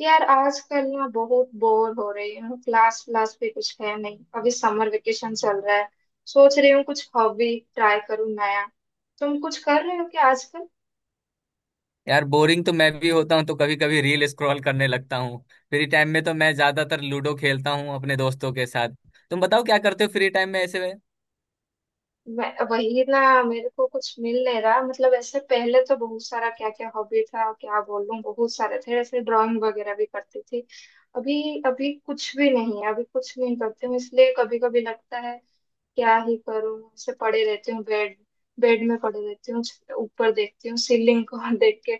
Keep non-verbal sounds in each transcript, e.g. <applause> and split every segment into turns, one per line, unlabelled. यार आजकल ना बहुत बोर हो रही हूँ। क्लास क्लास भी कुछ है नहीं, अभी समर वेकेशन चल रहा है। सोच रही हूँ कुछ हॉबी ट्राई करूँ नया। तुम कुछ कर रहे हो क्या आजकल?
यार बोरिंग तो मैं भी होता हूँ, तो कभी कभी रील स्क्रॉल करने लगता हूँ। फ्री टाइम में तो मैं ज्यादातर लूडो खेलता हूँ अपने दोस्तों के साथ। तुम बताओ क्या करते हो फ्री टाइम में ऐसे में।
वही ना, मेरे को कुछ मिल नहीं रहा, मतलब ऐसे पहले तो बहुत सारा क्या क्या हॉबी था, क्या बोलूं, बहुत सारे थे ऐसे, ड्राइंग वगैरह भी करती थी। अभी अभी कुछ भी नहीं है, अभी कुछ नहीं करती हूँ, इसलिए कभी कभी लगता है क्या ही करूं, ऐसे पड़े रहती हूँ बेड। बेड में पड़े रहती हूँ। ऊपर देखती हूँ सीलिंग को <laughs> देख के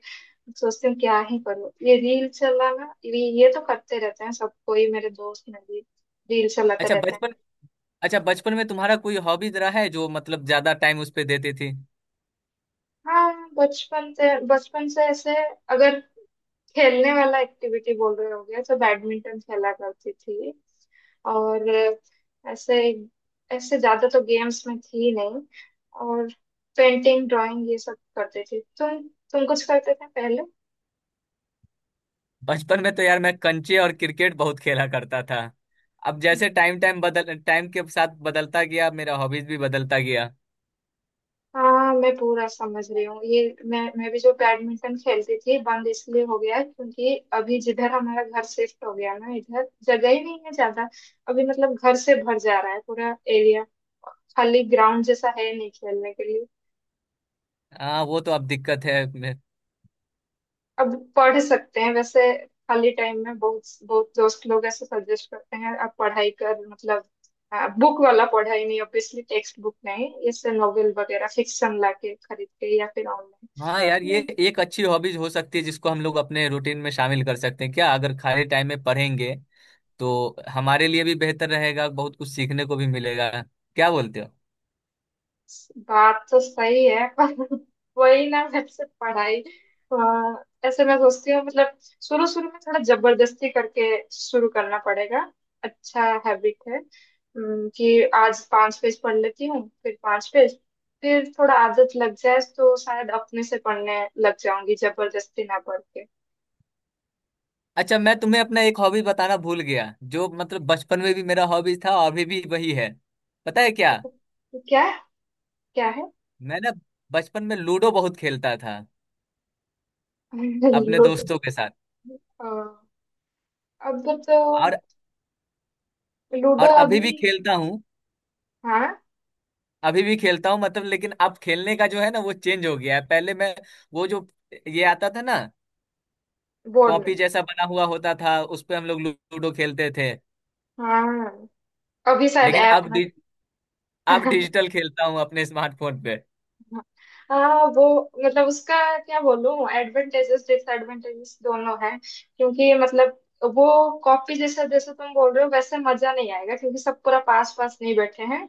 सोचती हूँ क्या ही करूँ। ये रील चलाना ये तो करते रहते हैं सब, कोई मेरे दोस्त में भी रील चलाते
अच्छा
रहते हैं।
बचपन अच्छा बचपन में तुम्हारा कोई हॉबी रहा है जो मतलब ज्यादा टाइम उस पे देती थी?
हाँ, बचपन से ऐसे अगर खेलने वाला एक्टिविटी बोल रहे हो गया तो बैडमिंटन खेला करती थी। और ऐसे ऐसे ज्यादा तो गेम्स में थी नहीं। और पेंटिंग ड्राइंग ये सब करते थे तुम? तुम कुछ करते थे पहले?
बचपन में तो यार मैं कंचे और क्रिकेट बहुत खेला करता था। अब जैसे टाइम टाइम बदल टाइम के साथ बदलता गया, मेरा हॉबीज भी बदलता गया।
हाँ, मैं पूरा समझ रही हूँ ये। मैं भी जो बैडमिंटन खेलती थी बंद इसलिए हो गया है, क्योंकि अभी जिधर हमारा घर शिफ्ट हो गया ना, इधर जगह ही नहीं है ज्यादा। अभी मतलब घर से भर जा रहा है पूरा एरिया। खाली ग्राउंड जैसा है नहीं खेलने के लिए।
हाँ वो तो अब दिक्कत है।
अब पढ़ सकते हैं वैसे, खाली टाइम में। बहुत बहुत दोस्त लोग ऐसे सजेस्ट करते हैं, आप पढ़ाई कर, मतलब बुक वाला पढ़ाई नहीं ऑब्वियसली, टेक्स्ट बुक नहीं, इससे नॉवेल वगैरह फिक्शन लाके खरीद के या फिर ऑनलाइन।
हाँ यार ये एक अच्छी हॉबीज हो सकती है जिसको हम लोग अपने रूटीन में शामिल कर सकते हैं क्या। अगर खाली टाइम में पढ़ेंगे तो हमारे लिए भी बेहतर रहेगा, बहुत कुछ सीखने को भी मिलेगा। क्या बोलते हो?
बात तो सही है पर <laughs> वही ना, वैसे पढ़ाई ऐसे मैं सोचती हूँ, मतलब शुरू शुरू में थोड़ा जबरदस्ती करके शुरू करना पड़ेगा। अच्छा हैबिट है कि आज पांच पेज पढ़ लेती हूँ, फिर 5 पेज, फिर थोड़ा आदत लग जाए तो शायद अपने से पढ़ने लग जाऊंगी, जबरदस्ती ना पढ़ के।
अच्छा मैं तुम्हें अपना एक हॉबी बताना भूल गया, जो मतलब बचपन में भी मेरा हॉबी था और अभी भी वही है। पता है क्या?
क्या? क्या है?
मैं ना बचपन में लूडो बहुत खेलता था
<laughs>
अपने
लूडो।
दोस्तों के साथ।
अ, अब तो
और
लूडो
और अभी भी
अभी?
खेलता हूँ।
हाँ,
अभी भी खेलता हूँ मतलब, लेकिन अब खेलने का जो है ना वो चेंज हो गया है। पहले मैं, वो जो, ये आता था ना,
बोर्ड में।
कॉपी जैसा बना हुआ होता था उस पे हम लोग लूडो खेलते थे।
हाँ, अभी शायद
लेकिन
ऐप में।
अब डिजिटल खेलता हूँ अपने स्मार्टफोन पे।
<laughs> हाँ, वो मतलब उसका क्या बोलूं, एडवांटेजेस डिसएडवांटेजेस दोनों हैं, क्योंकि मतलब वो कॉपी जैसा जैसे तुम बोल रहे हो वैसे मजा नहीं आएगा क्योंकि सब पूरा पास पास नहीं बैठे हैं।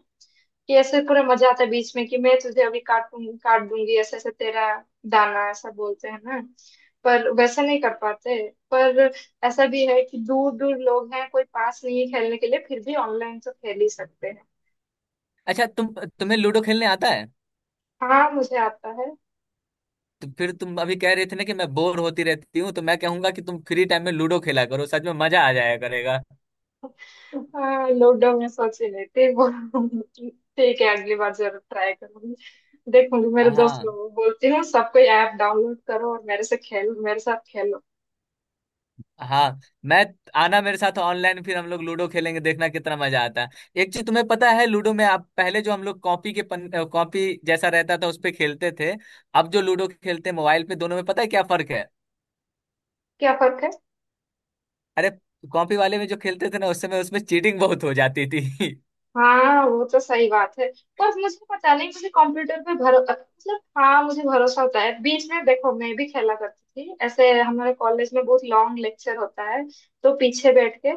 कि ऐसे पूरा मजा आता है बीच में, कि मैं तुझे अभी काटूं, काट दूंगी ऐसे ऐसे तेरा दाना, ऐसा बोलते हैं ना। पर वैसे नहीं कर पाते। पर ऐसा भी है कि दूर दूर लोग हैं, कोई पास नहीं है खेलने के लिए, फिर भी ऑनलाइन तो खेल ही सकते हैं।
अच्छा तुम्हें लूडो खेलने आता है?
हाँ, मुझे आता है।
तो फिर तुम अभी कह रहे थे ना कि मैं बोर होती रहती हूँ, तो मैं कहूंगा कि तुम फ्री टाइम में लूडो खेला करो, सच में मजा आ जाया करेगा।
हाँ, लॉकडाउन में सोच ही नहीं थी, ठीक है, अगली बार जरूर ट्राई करूंगी। देखूंगी, मेरे दोस्त
हाँ।
लोगों को बोलती हूँ सबको, ऐप डाउनलोड करो और मेरे से खेल, मेरे साथ खेलो।
हाँ। मैं आना मेरे साथ ऑनलाइन, फिर हम लोग लूडो खेलेंगे, देखना कितना मजा आता है। एक चीज तुम्हें पता है, लूडो में आप पहले जो हम लोग कॉपी के पन कॉपी जैसा रहता था उस पे खेलते थे, अब जो लूडो खेलते हैं मोबाइल पे, दोनों में पता है क्या फर्क है?
क्या फर्क है?
अरे कॉपी वाले में जो खेलते थे ना उस समय उसमें चीटिंग बहुत हो जाती थी। <laughs>
हाँ, वो तो सही बात है। पर मुझे पता नहीं, मुझे कंप्यूटर पे भरो मतलब, हाँ, मुझे भरोसा होता है। बीच में देखो, मैं भी खेला करती थी ऐसे, हमारे कॉलेज में बहुत लॉन्ग लेक्चर होता है तो पीछे बैठ के,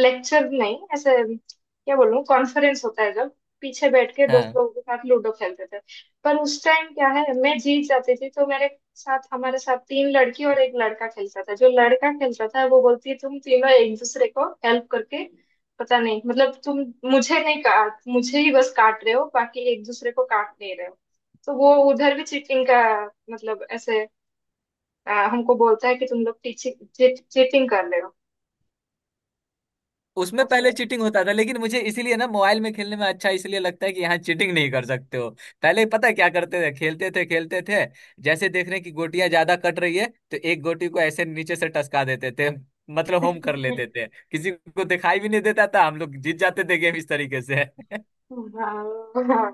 लेक्चर नहीं ऐसे क्या बोलूं कॉन्फ्रेंस होता है जब, पीछे बैठ के दोस्त
हाँ।
लोगों के साथ लूडो खेलते थे। पर उस टाइम क्या है, मैं जीत जाती थी तो मेरे साथ हमारे साथ तीन लड़की और एक लड़का खेलता था। जो लड़का खेलता था वो बोलती है, तुम तीनों एक दूसरे को हेल्प करके, पता नहीं मतलब, तुम मुझे नहीं काट, मुझे ही बस काट रहे हो, बाकी एक दूसरे को काट नहीं रहे हो, तो वो उधर भी चीटिंग का मतलब ऐसे हमको बोलता है कि तुम लोग चीटिंग कर रहे हो
उसमें पहले
ऐसे।
चीटिंग होता था, लेकिन मुझे इसीलिए ना मोबाइल में खेलने में अच्छा इसलिए लगता है कि यहाँ चीटिंग नहीं कर सकते हो। पहले पता है क्या करते थे? खेलते थे खेलते थे, जैसे देख रहे हैं कि गोटियां ज्यादा कट रही है तो एक गोटी को ऐसे नीचे से टसका देते थे, मतलब होम कर लेते
हाँ,
थे, किसी को दिखाई भी नहीं देता था, हम लोग जीत जाते थे गेम इस तरीके से। <laughs>
हाँ,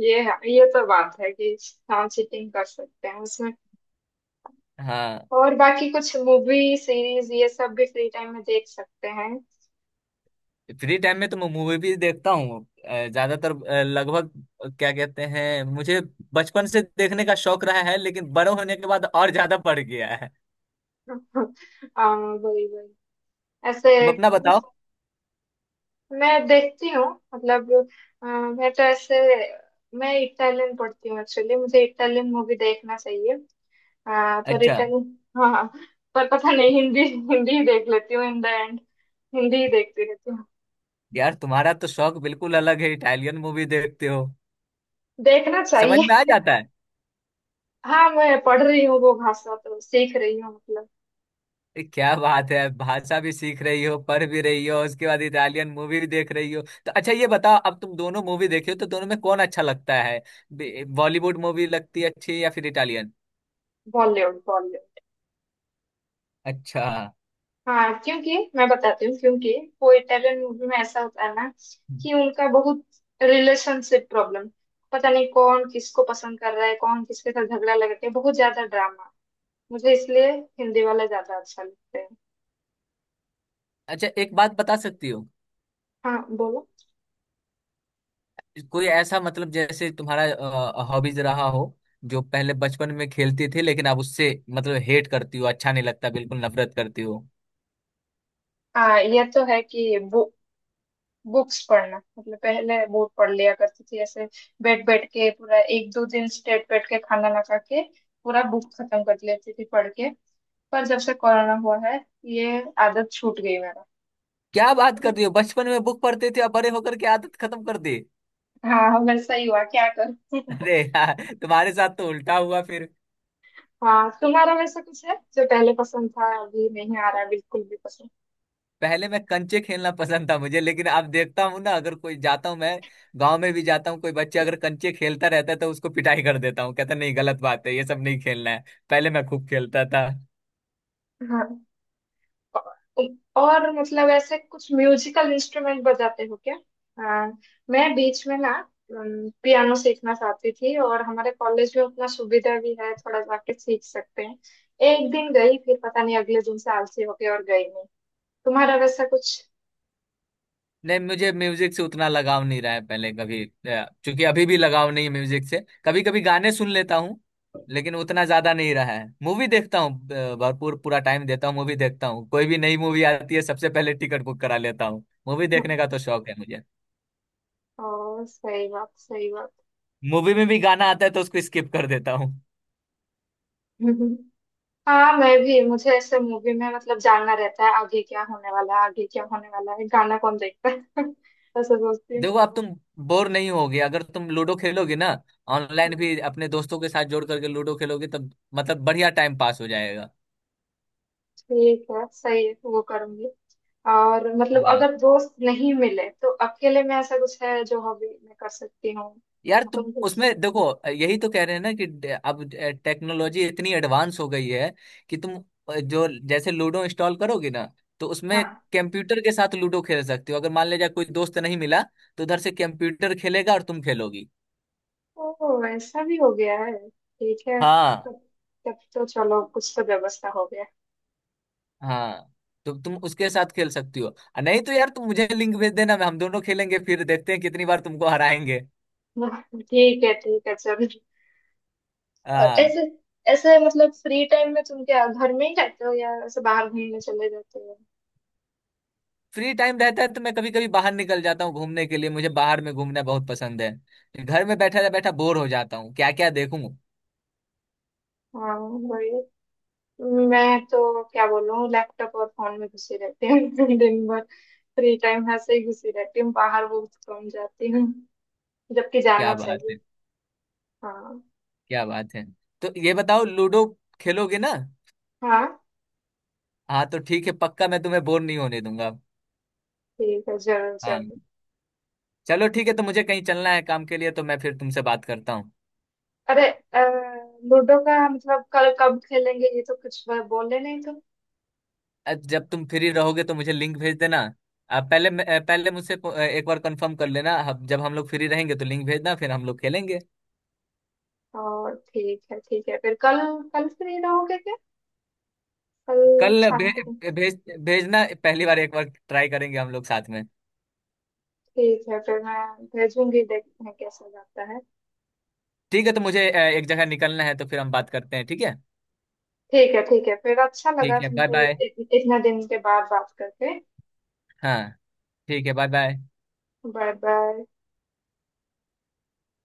ये है। ये तो बात है कि हाँ, चीटिंग कर सकते हैं उसमें।
हाँ।
और बाकी कुछ मूवी सीरीज ये सब भी फ्री टाइम में देख सकते हैं।
फ्री टाइम में तो मैं मूवी भी देखता हूँ। ज्यादातर, लगभग, क्या कहते हैं, मुझे बचपन से देखने का शौक रहा है, लेकिन बड़े होने के बाद और ज्यादा बढ़ गया है।
<laughs> वही वही ऐसे
तुम अपना बताओ।
मैं देखती हूँ, मतलब मैं तो ऐसे, मैं इटालियन पढ़ती हूँ एक्चुअली, मुझे इटालियन मूवी देखना चाहिए। अ, पर
अच्छा।
इटालियन, हाँ, पर पता नहीं, हिंदी हिंदी ही देख लेती हूँ इन द एंड। हिंदी ही देखती रहती हूँ,
यार तुम्हारा तो शौक बिल्कुल अलग है, इटालियन मूवी देखते हो,
देखना
समझ में आ
चाहिए।
जाता है।
हाँ, मैं पढ़ रही हूँ, वो भाषा तो सीख रही हूँ, मतलब
क्या बात है, भाषा भी सीख रही हो, पढ़ भी रही हो, उसके बाद इटालियन मूवी भी देख रही हो। तो अच्छा ये बताओ, अब तुम दोनों मूवी देखे हो तो दोनों में कौन अच्छा लगता है, बॉलीवुड मूवी लगती है अच्छी या फिर इटालियन?
बॉलीवुड, बॉलीवुड।
अच्छा।
हाँ, क्योंकि मैं बताती हूँ, क्योंकि वो इटालियन मूवी में ऐसा होता है ना, कि उनका बहुत रिलेशनशिप प्रॉब्लम, पता नहीं कौन किसको पसंद कर रहा है, कौन किसके साथ झगड़ा लगा के, बहुत ज्यादा ड्रामा, मुझे इसलिए हिंदी वाला ज्यादा अच्छा लगता है।
अच्छा एक बात बता सकती हो,
हाँ बोलो।
कोई ऐसा मतलब जैसे तुम्हारा हॉबीज रहा हो जो पहले बचपन में खेलती थी, लेकिन अब उससे मतलब हेट करती हो, अच्छा नहीं लगता बिल्कुल, नफरत करती हो?
हाँ, ये तो है कि बुक्स पढ़ना, मतलब पहले बहुत पढ़ लिया करती थी, ऐसे बैठ बैठ के पूरा एक दो दिन स्ट्रेट बैठ के खाना ना खा के पूरा बुक खत्म कर लेती थी पढ़ के। पर जब से कोरोना हुआ है, ये आदत छूट गई मेरा।
क्या बात करती हो, बचपन में बुक पढ़ते थे, अब बड़े होकर के आदत खत्म कर दी।
हाँ, वैसा ही हुआ, क्या करूं। <laughs>
अरे यार। तुम्हारे साथ तो उल्टा हुआ फिर।
हाँ, तुम्हारा वैसा कुछ है जो पहले पसंद था, अभी नहीं आ रहा है बिल्कुल भी पसंद?
पहले मैं कंचे खेलना पसंद था मुझे, लेकिन अब देखता हूँ ना, अगर कोई जाता हूँ मैं, गांव में भी जाता हूँ, कोई बच्चा अगर कंचे खेलता रहता है तो उसको पिटाई कर देता हूँ, कहता नहीं, गलत बात है, ये सब नहीं खेलना है। पहले मैं खूब खेलता था।
हाँ, औ- और मतलब ऐसे कुछ म्यूजिकल इंस्ट्रूमेंट बजाते हो क्या? हाँ, मैं बीच में ना पियानो सीखना चाहती थी और हमारे कॉलेज में उतना सुविधा भी है, थोड़ा जाके सीख सकते हैं। एक दिन गई, फिर पता नहीं अगले दिन से आलसी हो गई और गई नहीं। तुम्हारा वैसा कुछ?
नहीं, मुझे म्यूजिक से उतना लगाव नहीं रहा है पहले कभी, क्योंकि अभी भी लगाव नहीं है म्यूजिक से। कभी कभी गाने सुन लेता हूँ, लेकिन उतना ज्यादा नहीं रहा है। मूवी देखता हूँ, भरपूर पूरा टाइम देता हूँ, मूवी देखता हूँ। कोई भी नई मूवी आती है सबसे पहले टिकट बुक करा लेता हूँ, मूवी देखने का
<laughs>
तो शौक है मुझे।
ओ सही बात, सही बात।
मूवी में भी गाना आता है तो उसको स्किप कर देता हूँ।
<laughs> हाँ, मैं भी, मुझे ऐसे मूवी में मतलब जानना रहता है आगे क्या होने वाला है, आगे क्या होने वाला है, गाना कौन देखता है। <laughs> ऐसा सोचती हूँ।
देखो अब तुम बोर नहीं होगे अगर तुम लूडो खेलोगे ना, ऑनलाइन
हाँ।
भी अपने दोस्तों के साथ जोड़ करके लूडो खेलोगे, तब मतलब बढ़िया टाइम पास हो जाएगा।
ठीक है, सही है, वो करूंगी। और मतलब
हाँ।
अगर दोस्त नहीं मिले तो अकेले में ऐसा कुछ है जो हॉबी मैं कर सकती हूँ?
यार तुम
तुम कुछ?
उसमें देखो, यही तो कह रहे हैं ना कि अब टेक्नोलॉजी इतनी एडवांस हो गई है कि तुम, जो जैसे लूडो इंस्टॉल करोगे ना, तो उसमें
हाँ।
कंप्यूटर के साथ लूडो खेल सकते हो। अगर मान लीजिए कोई दोस्त नहीं मिला, तो उधर से कंप्यूटर खेलेगा और तुम खेलोगी।
ओ, ऐसा भी हो गया है? ठीक है तब।
हाँ।
तब तो चलो, कुछ तो व्यवस्था हो गया।
हाँ तो तुम उसके साथ खेल सकती हो। नहीं तो यार तुम मुझे लिंक भेज देना, मैं हम दोनों खेलेंगे, फिर देखते हैं कितनी बार तुमको हराएंगे।
<laughs> ठीक है, ठीक है, चलो। और
हाँ।
ऐसे ऐसे मतलब फ्री टाइम में तुम क्या घर में ही रहते हो या ऐसे बाहर घूमने चले जाते हो?
फ्री टाइम रहता है तो मैं कभी कभी बाहर निकल जाता हूँ घूमने के लिए, मुझे बाहर में घूमना बहुत पसंद है। घर में बैठा बैठा बोर हो जाता हूँ, क्या क्या देखूं।
हाँ, बढ़िया। मैं तो क्या बोलूँ, लैपटॉप और फोन में घुसी रहती हूँ। <laughs> दिन भर फ्री टाइम ऐसे ही घुसी रहती हूँ, बाहर बहुत कम जाती हूँ, जबकि
क्या
जाना
बात है।
चाहिए। हाँ।
क्या बात है। तो ये बताओ, लूडो खेलोगे ना?
हाँ,
हाँ तो ठीक है, पक्का मैं तुम्हें बोर नहीं होने दूंगा।
ठीक है, जरूर
हाँ।
जरूर।
चलो ठीक है, तो मुझे कहीं चलना है काम के लिए, तो मैं फिर तुमसे बात करता हूँ।
अरे लूडो का मतलब कल कब खेलेंगे, ये तो कुछ बोले नहीं तो?
जब तुम फ्री रहोगे तो मुझे लिंक भेज देना। आप पहले, पहले मुझसे एक बार कंफर्म कर लेना, जब हम लोग फ्री रहेंगे तो लिंक भेजना, फिर हम लोग खेलेंगे।
और ठीक है, ठीक है, फिर कल। कल फ्री रहोगे क्या? कल
कल भे,
शाम को।
भेज भेजना, पहली बार एक बार ट्राई करेंगे हम लोग साथ में।
ठीक है फिर मैं भेजूंगी, देखते हैं कैसा जाता है।
ठीक है, तो मुझे एक जगह निकलना है, तो फिर हम बात करते हैं, ठीक है।
ठीक है, ठीक है, फिर अच्छा लगा
ठीक है बाय
तुमसे
बाय।
इतना दिन के बाद बात करके।
हाँ। ठीक है बाय बाय।
Bye bye.